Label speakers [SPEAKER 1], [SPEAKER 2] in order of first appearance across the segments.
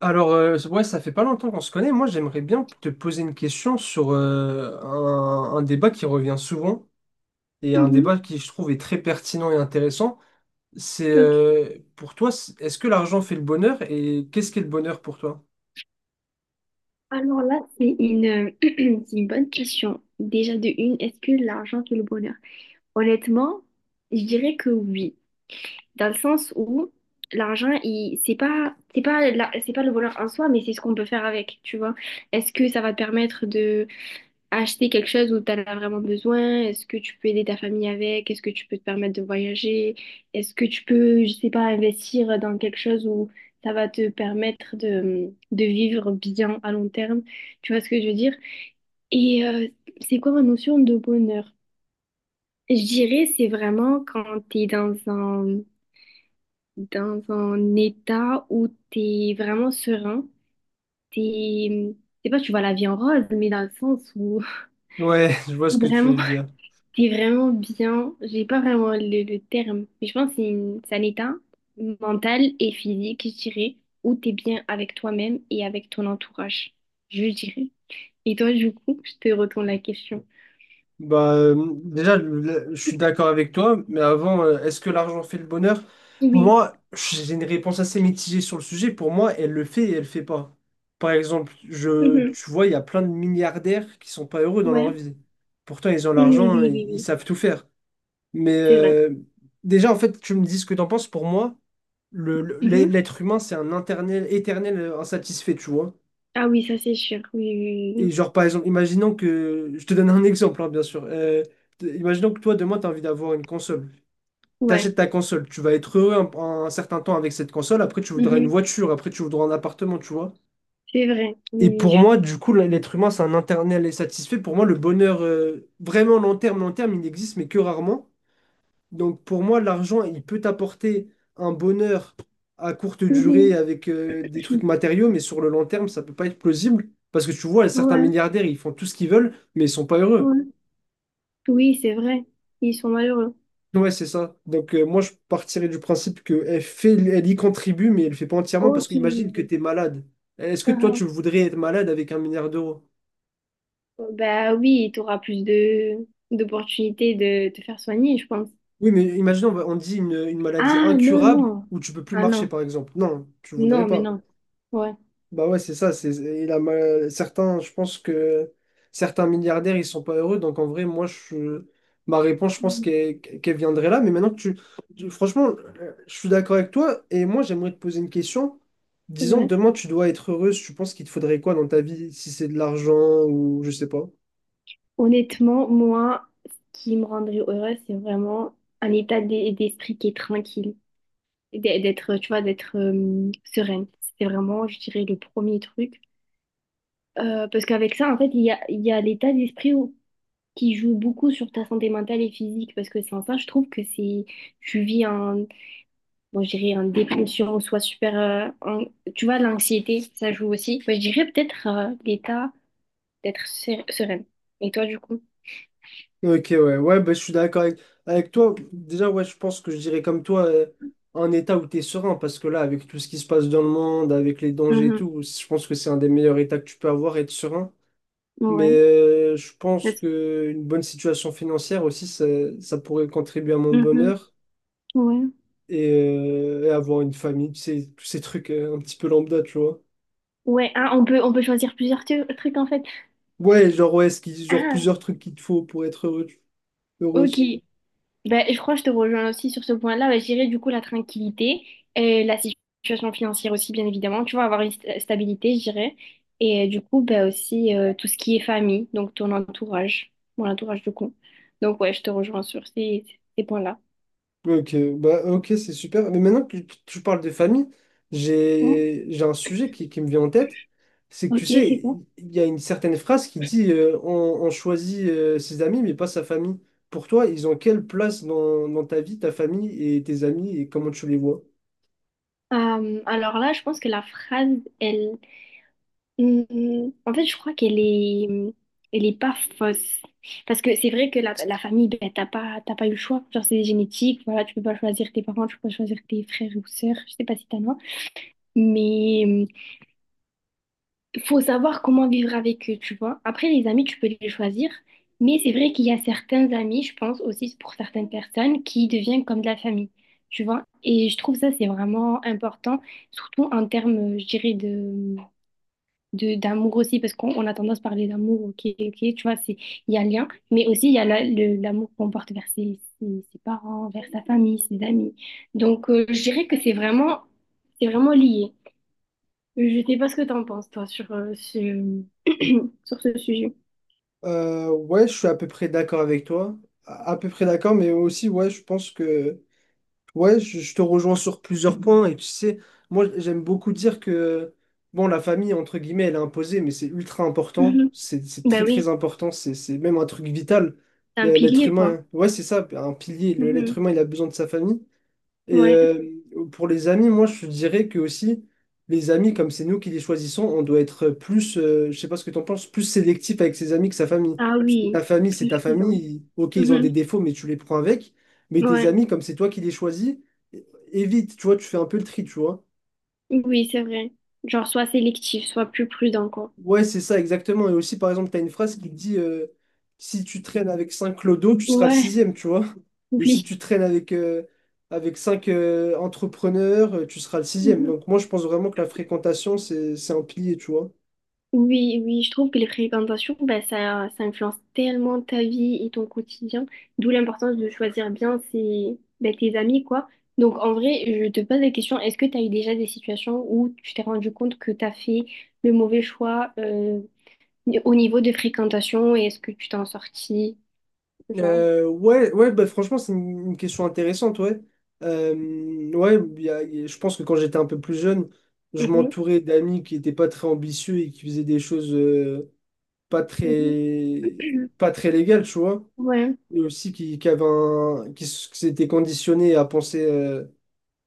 [SPEAKER 1] Alors, ouais, ça fait pas longtemps qu'on se connaît. Moi, j'aimerais bien te poser une question sur un débat qui revient souvent et un
[SPEAKER 2] Mhm,
[SPEAKER 1] débat qui, je trouve, est très pertinent et intéressant. C'est
[SPEAKER 2] ok.
[SPEAKER 1] pour toi, est-ce que l'argent fait le bonheur et qu'est-ce qu'est le bonheur pour toi?
[SPEAKER 2] Alors là, c'est une, c'est une bonne question. Déjà de une, est-ce que l'argent fait le bonheur? Honnêtement, je dirais que oui, dans le sens où l'argent, il, c'est pas le bonheur en soi, mais c'est ce qu'on peut faire avec, tu vois. Est-ce que ça va te permettre de acheter quelque chose où tu en as vraiment besoin? Est-ce que tu peux aider ta famille avec? Est-ce que tu peux te permettre de voyager? Est-ce que tu peux, je sais pas, investir dans quelque chose où ça va te permettre de vivre bien à long terme? Tu vois ce que je veux dire? Et c'est quoi ma notion de bonheur? Je dirais, c'est vraiment quand tu es dans un état où tu es vraiment serein. T'es, c'est pas, Tu vois la vie en rose, mais dans le sens où
[SPEAKER 1] Ouais, je vois ce que tu
[SPEAKER 2] vraiment
[SPEAKER 1] veux dire.
[SPEAKER 2] c'est vraiment bien. J'ai pas vraiment le terme, mais je pense que c'est un état mental et physique, je dirais, où t'es bien avec toi-même et avec ton entourage, je dirais. Et toi, du coup, je te retourne la question.
[SPEAKER 1] Bah, déjà, je suis d'accord avec toi, mais avant, est-ce que l'argent fait le bonheur? Pour
[SPEAKER 2] Oui.
[SPEAKER 1] moi, j'ai une réponse assez mitigée sur le sujet. Pour moi, elle le fait et elle le fait pas. Par exemple,
[SPEAKER 2] Mhm.
[SPEAKER 1] tu vois, il y a plein de milliardaires qui sont pas heureux dans leur
[SPEAKER 2] Ouais.
[SPEAKER 1] vie. Pourtant, ils ont
[SPEAKER 2] Mhm.
[SPEAKER 1] l'argent,
[SPEAKER 2] Oui, oui,
[SPEAKER 1] ils
[SPEAKER 2] oui.
[SPEAKER 1] savent tout faire. Mais
[SPEAKER 2] C'est vrai.
[SPEAKER 1] déjà, en fait, tu me dis ce que t'en penses. Pour moi, le, le-
[SPEAKER 2] Mhm.
[SPEAKER 1] l'être humain, c'est un éternel insatisfait, tu vois.
[SPEAKER 2] Ah oui, ça c'est sûr. Oui, oui,
[SPEAKER 1] Et
[SPEAKER 2] oui.
[SPEAKER 1] genre, par exemple, imaginons que... Je te donne un exemple, hein, bien sûr. Imaginons que toi, demain, tu as envie d'avoir une console.
[SPEAKER 2] Oui. Ouais.
[SPEAKER 1] T'achètes ta console. Tu vas être heureux un certain temps avec cette console. Après, tu voudras une
[SPEAKER 2] Mhm.
[SPEAKER 1] voiture. Après, tu voudras un appartement, tu vois.
[SPEAKER 2] C'est vrai.
[SPEAKER 1] Et pour moi, du coup, l'être humain, c'est un internel et satisfait. Pour moi, le bonheur, vraiment long terme, il n'existe, mais que rarement. Donc pour moi, l'argent, il peut t'apporter un bonheur à courte durée
[SPEAKER 2] Mhm.
[SPEAKER 1] avec des trucs matériaux, mais sur le long terme, ça peut pas être plausible. Parce que tu vois, certains
[SPEAKER 2] Ouais,
[SPEAKER 1] milliardaires, ils font tout ce qu'ils veulent, mais ils sont pas heureux.
[SPEAKER 2] ouais. Oui, c'est vrai. Ils sont malheureux.
[SPEAKER 1] Ouais, c'est ça. Donc moi, je partirais du principe qu'elle fait, elle y contribue, mais elle fait pas entièrement, parce
[SPEAKER 2] Ok.
[SPEAKER 1] qu'imagine que tu es malade. Est-ce que toi,
[SPEAKER 2] Ah.
[SPEAKER 1] tu voudrais être malade avec un milliard d'euros?
[SPEAKER 2] Bah oui, tu auras plus de d'opportunités de te faire soigner, je pense.
[SPEAKER 1] Oui, mais imagine, on dit une maladie
[SPEAKER 2] Ah non,
[SPEAKER 1] incurable
[SPEAKER 2] non.
[SPEAKER 1] où tu peux plus
[SPEAKER 2] Ah
[SPEAKER 1] marcher,
[SPEAKER 2] non.
[SPEAKER 1] par exemple. Non, tu voudrais
[SPEAKER 2] Non, mais
[SPEAKER 1] pas.
[SPEAKER 2] non. Ouais.
[SPEAKER 1] Bah ouais, c'est ça. Certains, je pense que certains milliardaires, ils sont pas heureux. Donc en vrai, ma réponse, je pense
[SPEAKER 2] Mm.
[SPEAKER 1] qu'elle viendrait là. Mais maintenant que tu- franchement, je suis d'accord avec toi. Et moi, j'aimerais te poser une question. Disons,
[SPEAKER 2] Ouais.
[SPEAKER 1] demain, tu dois être heureuse. Tu penses qu'il te faudrait quoi dans ta vie? Si c'est de l'argent ou je sais pas.
[SPEAKER 2] Honnêtement, moi, ce qui me rendrait heureuse, c'est vraiment un état d'esprit qui est tranquille. D'être, tu vois, d'être sereine. C'est vraiment, je dirais, le premier truc. Parce qu'avec ça, en fait, il y a l'état d'esprit qui joue beaucoup sur ta santé mentale et physique. Parce que sans ça, je trouve que c'est, tu vis moi, je dirais en dépression, soit super. Tu vois, l'anxiété, ça joue aussi. Moi, je dirais peut-être l'état sereine. Et toi, du coup?
[SPEAKER 1] Ok, ouais, ouais, bah, je suis d'accord avec toi. Déjà, ouais, je pense que je dirais comme toi, un état où t'es serein, parce que là, avec tout ce qui se passe dans le monde, avec les dangers et
[SPEAKER 2] Mhm.
[SPEAKER 1] tout, je pense que c'est un des meilleurs états que tu peux avoir, être serein. Mais
[SPEAKER 2] Ouais.
[SPEAKER 1] je pense
[SPEAKER 2] Est-ce-
[SPEAKER 1] que une bonne situation financière aussi, ça pourrait contribuer à mon
[SPEAKER 2] Mhm.
[SPEAKER 1] bonheur
[SPEAKER 2] Ouais.
[SPEAKER 1] et avoir une famille, tu sais, tous ces trucs un petit peu lambda, tu vois.
[SPEAKER 2] Ouais, hein, on peut choisir plusieurs trucs en fait.
[SPEAKER 1] Ouais, genre, ouais, genre
[SPEAKER 2] Ah,
[SPEAKER 1] plusieurs trucs qu'il te faut pour être heureux,
[SPEAKER 2] ok.
[SPEAKER 1] heureuse.
[SPEAKER 2] Ben, je crois que je te rejoins aussi sur ce point-là. Ben, je dirais du coup la tranquillité, et la situation financière aussi, bien évidemment. Tu vois, avoir une stabilité, je dirais. Et du coup, ben, aussi tout ce qui est famille, donc ton entourage, mon entourage du coup. Donc ouais, je te rejoins sur ces, ces points-là.
[SPEAKER 1] Ouais, ok, bah, ok, c'est super. Mais maintenant que tu parles de famille,
[SPEAKER 2] Ouais,
[SPEAKER 1] j'ai un sujet qui me vient en tête. C'est que tu
[SPEAKER 2] ok, c'est
[SPEAKER 1] sais,
[SPEAKER 2] bon.
[SPEAKER 1] il y a une certaine phrase qui dit on choisit ses amis, mais pas sa famille. Pour toi, ils ont quelle place dans ta vie, ta famille et tes amis et comment tu les vois?
[SPEAKER 2] Alors là, je pense que la phrase, elle, hmm, en fait, je crois qu'elle est, elle est pas fausse. Parce que c'est vrai que la famille, ben, t'as pas eu le choix. Genre, c'est génétique, voilà, tu peux pas choisir tes parents, tu peux pas choisir tes frères ou sœurs. Je sais pas si t'en as. Mais il faut savoir comment vivre avec eux, tu vois. Après, les amis, tu peux les choisir. Mais c'est vrai qu'il y a certains amis, je pense aussi pour certaines personnes, qui deviennent comme de la famille, tu vois. Et je trouve ça, c'est vraiment important, surtout en termes, je dirais, de de d'amour aussi parce qu'on on a tendance à parler d'amour, ok, ok, tu vois, c'est il y a le lien mais aussi il y a l'amour qu'on porte vers ses parents, vers sa famille, ses amis, donc je dirais que c'est vraiment lié. Je sais pas ce que t'en penses toi sur ce sur ce sujet.
[SPEAKER 1] Ouais, je suis à peu près d'accord avec toi. À peu près d'accord, mais aussi, ouais, je pense que. Ouais, je te rejoins sur plusieurs points. Et tu sais, moi, j'aime beaucoup dire que, bon, la famille, entre guillemets, elle est imposée, mais c'est ultra important.
[SPEAKER 2] Mhm.
[SPEAKER 1] C'est
[SPEAKER 2] Bah
[SPEAKER 1] très, très
[SPEAKER 2] oui,
[SPEAKER 1] important. C'est même un truc vital,
[SPEAKER 2] c'est un
[SPEAKER 1] l'être
[SPEAKER 2] pilier quoi.
[SPEAKER 1] humain, hein. Ouais, c'est ça, un pilier.
[SPEAKER 2] Mhm.
[SPEAKER 1] L'être humain, il a besoin de sa famille. Et
[SPEAKER 2] Ouais,
[SPEAKER 1] pour les amis, moi, je dirais que aussi, les amis, comme c'est nous qui les choisissons, on doit être plus, je sais pas ce que tu en penses, plus sélectif avec ses amis que sa famille.
[SPEAKER 2] ah
[SPEAKER 1] Puisque
[SPEAKER 2] oui,
[SPEAKER 1] ta famille,
[SPEAKER 2] je
[SPEAKER 1] c'est ta
[SPEAKER 2] suis
[SPEAKER 1] famille.
[SPEAKER 2] dedans.
[SPEAKER 1] Ok, ils ont des
[SPEAKER 2] Mhm.
[SPEAKER 1] défauts, mais tu les prends avec. Mais tes
[SPEAKER 2] Ouais,
[SPEAKER 1] amis, comme c'est toi qui les choisis, é- évite, tu vois, tu fais un peu le tri, tu vois.
[SPEAKER 2] oui, c'est vrai, genre soit sélectif soit plus prudent quoi.
[SPEAKER 1] Ouais, c'est ça, exactement. Et aussi, par exemple, tu as une phrase qui dit si tu traînes avec 5 clodos, tu seras le
[SPEAKER 2] Ouais,
[SPEAKER 1] sixième, tu vois. Et si
[SPEAKER 2] oui.
[SPEAKER 1] tu traînes avec, avec 5 entrepreneurs, tu seras le sixième.
[SPEAKER 2] Mhm.
[SPEAKER 1] Donc, moi, je pense vraiment que la fréquentation, c'est un pilier, tu vois.
[SPEAKER 2] Oui, oui, je trouve que les fréquentations, bah, ça influence tellement ta vie et ton quotidien, d'où l'importance de choisir bien ses, bah, tes amis, quoi. Donc, en vrai, je te pose la question, est-ce que tu as eu déjà des situations où tu t'es rendu compte que tu as fait le mauvais choix au niveau de fréquentation et est-ce que tu t'en sortis, genre...
[SPEAKER 1] Ouais, ouais bah, franchement, c'est une question intéressante, ouais. Euh, ouais, je pense que quand j'étais un peu plus jeune, je
[SPEAKER 2] Mhm,
[SPEAKER 1] m'entourais d'amis qui n'étaient pas très ambitieux et qui faisaient des choses pas
[SPEAKER 2] mhm.
[SPEAKER 1] très, pas très légales, tu vois.
[SPEAKER 2] Ouais,
[SPEAKER 1] Et aussi qui avait qui s'était conditionné à penser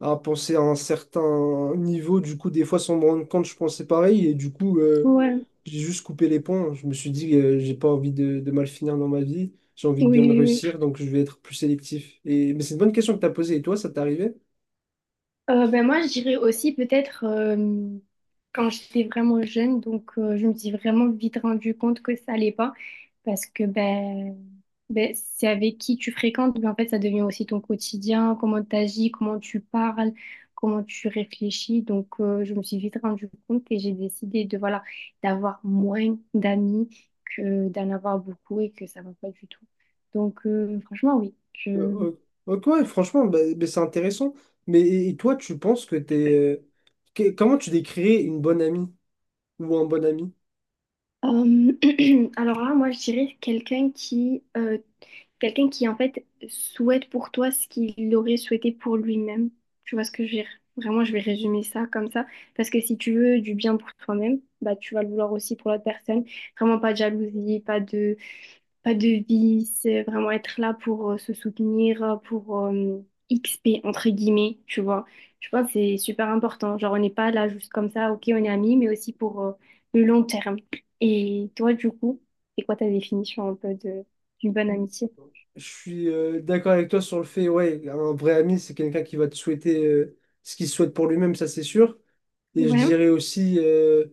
[SPEAKER 1] à penser à un certain niveau. Du coup, des fois, sans me rendre compte, je pensais pareil. Et du coup,
[SPEAKER 2] ouais,
[SPEAKER 1] j'ai juste coupé les ponts. Je me suis dit, j'ai pas envie de mal finir dans ma vie. J'ai envie
[SPEAKER 2] oui,
[SPEAKER 1] de bien
[SPEAKER 2] oui,
[SPEAKER 1] réussir,
[SPEAKER 2] oui.
[SPEAKER 1] donc je vais être plus sélectif. Et... Mais c'est une bonne question que tu as posée. Et toi, ça t'est arrivé?
[SPEAKER 2] Ben moi, je dirais aussi peut-être quand j'étais vraiment jeune, donc je me suis vraiment vite rendu compte que ça allait pas, parce que ben, ben c'est avec qui tu fréquentes, ben en fait ça devient aussi ton quotidien, comment tu agis, comment tu parles, comment tu réfléchis. Donc je me suis vite rendu compte et j'ai décidé de voilà d'avoir moins d'amis que d'en avoir beaucoup et que ça va pas du tout. Donc franchement oui.
[SPEAKER 1] Euh, ok, ouais, franchement, bah, bah, c'est intéressant. Mais et toi, tu penses que t'es... comment tu décrirais une bonne amie ou un bon ami?
[SPEAKER 2] Alors là, moi, je dirais quelqu'un qui en fait souhaite pour toi ce qu'il aurait souhaité pour lui-même. Tu vois ce que je veux dire? Vraiment, je vais résumer ça comme ça. Parce que si tu veux du bien pour toi-même, bah, tu vas le vouloir aussi pour l'autre personne. Vraiment pas de jalousie, pas de vie, c'est vraiment être là pour se soutenir, pour XP, entre guillemets, tu vois. Je pense que c'est super important. Genre, on n'est pas là juste comme ça, ok, on est amis, mais aussi pour le long terme. Et toi, du coup, c'est quoi ta définition un peu de, d'une bonne amitié?
[SPEAKER 1] Je suis d'accord avec toi sur le fait, ouais, un vrai ami, c'est quelqu'un qui va te souhaiter ce qu'il souhaite pour lui-même, ça c'est sûr. Et je
[SPEAKER 2] Ouais.
[SPEAKER 1] dirais aussi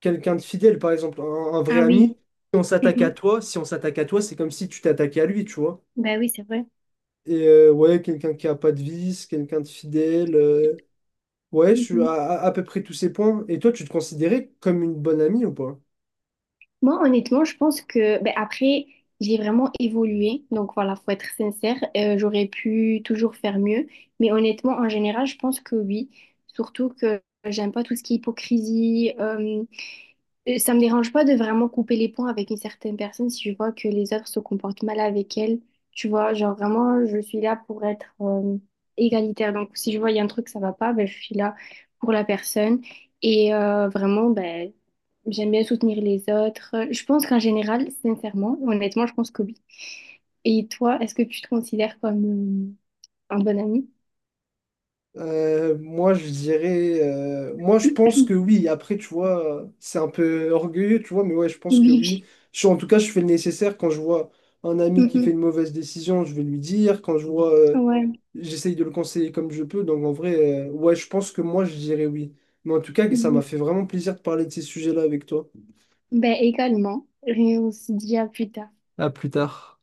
[SPEAKER 1] quelqu'un de fidèle, par exemple, un vrai
[SPEAKER 2] Ah
[SPEAKER 1] ami.
[SPEAKER 2] oui.
[SPEAKER 1] Si on s'attaque à
[SPEAKER 2] Mhm.
[SPEAKER 1] toi, Si on s'attaque à toi, c'est comme si tu t'attaquais à lui, tu vois.
[SPEAKER 2] Bah oui, c'est vrai.
[SPEAKER 1] Et ouais, quelqu'un qui a pas de vice, quelqu'un de fidèle. Ouais, je suis à peu près tous ces points. Et toi, tu te considérais comme une bonne amie ou pas?
[SPEAKER 2] Moi, honnêtement, je pense que, ben, après, j'ai vraiment évolué. Donc voilà, faut être sincère. J'aurais pu toujours faire mieux. Mais honnêtement, en général, je pense que oui. Surtout que j'aime pas tout ce qui est hypocrisie. Ça me dérange pas de vraiment couper les ponts avec une certaine personne si je vois que les autres se comportent mal avec elle. Tu vois, genre vraiment, je suis là pour être égalitaire. Donc si je vois il y a un truc ça va pas, ben, je suis là pour la personne. Et vraiment, ben, j'aime bien soutenir les autres. Je pense qu'en général, sincèrement, honnêtement, je pense que oui. Et toi, est-ce que tu te considères comme un bon ami?
[SPEAKER 1] Moi, je dirais, moi, je pense que oui. Après, tu vois, c'est un peu orgueilleux, tu vois, mais ouais, je pense que
[SPEAKER 2] Oui,
[SPEAKER 1] oui.
[SPEAKER 2] oui.
[SPEAKER 1] En tout cas, je fais le nécessaire. Quand je vois un ami qui fait
[SPEAKER 2] Mhm.
[SPEAKER 1] une mauvaise décision, je vais lui dire. Quand je vois,
[SPEAKER 2] Ouais.
[SPEAKER 1] j'essaye de le conseiller comme je peux. Donc, en vrai, ouais, je pense que moi, je dirais oui. Mais en tout cas, ça m'a
[SPEAKER 2] Mhm.
[SPEAKER 1] fait vraiment plaisir de parler de ces sujets-là avec toi.
[SPEAKER 2] Ben également. Et on se dit à plus tard.
[SPEAKER 1] À plus tard.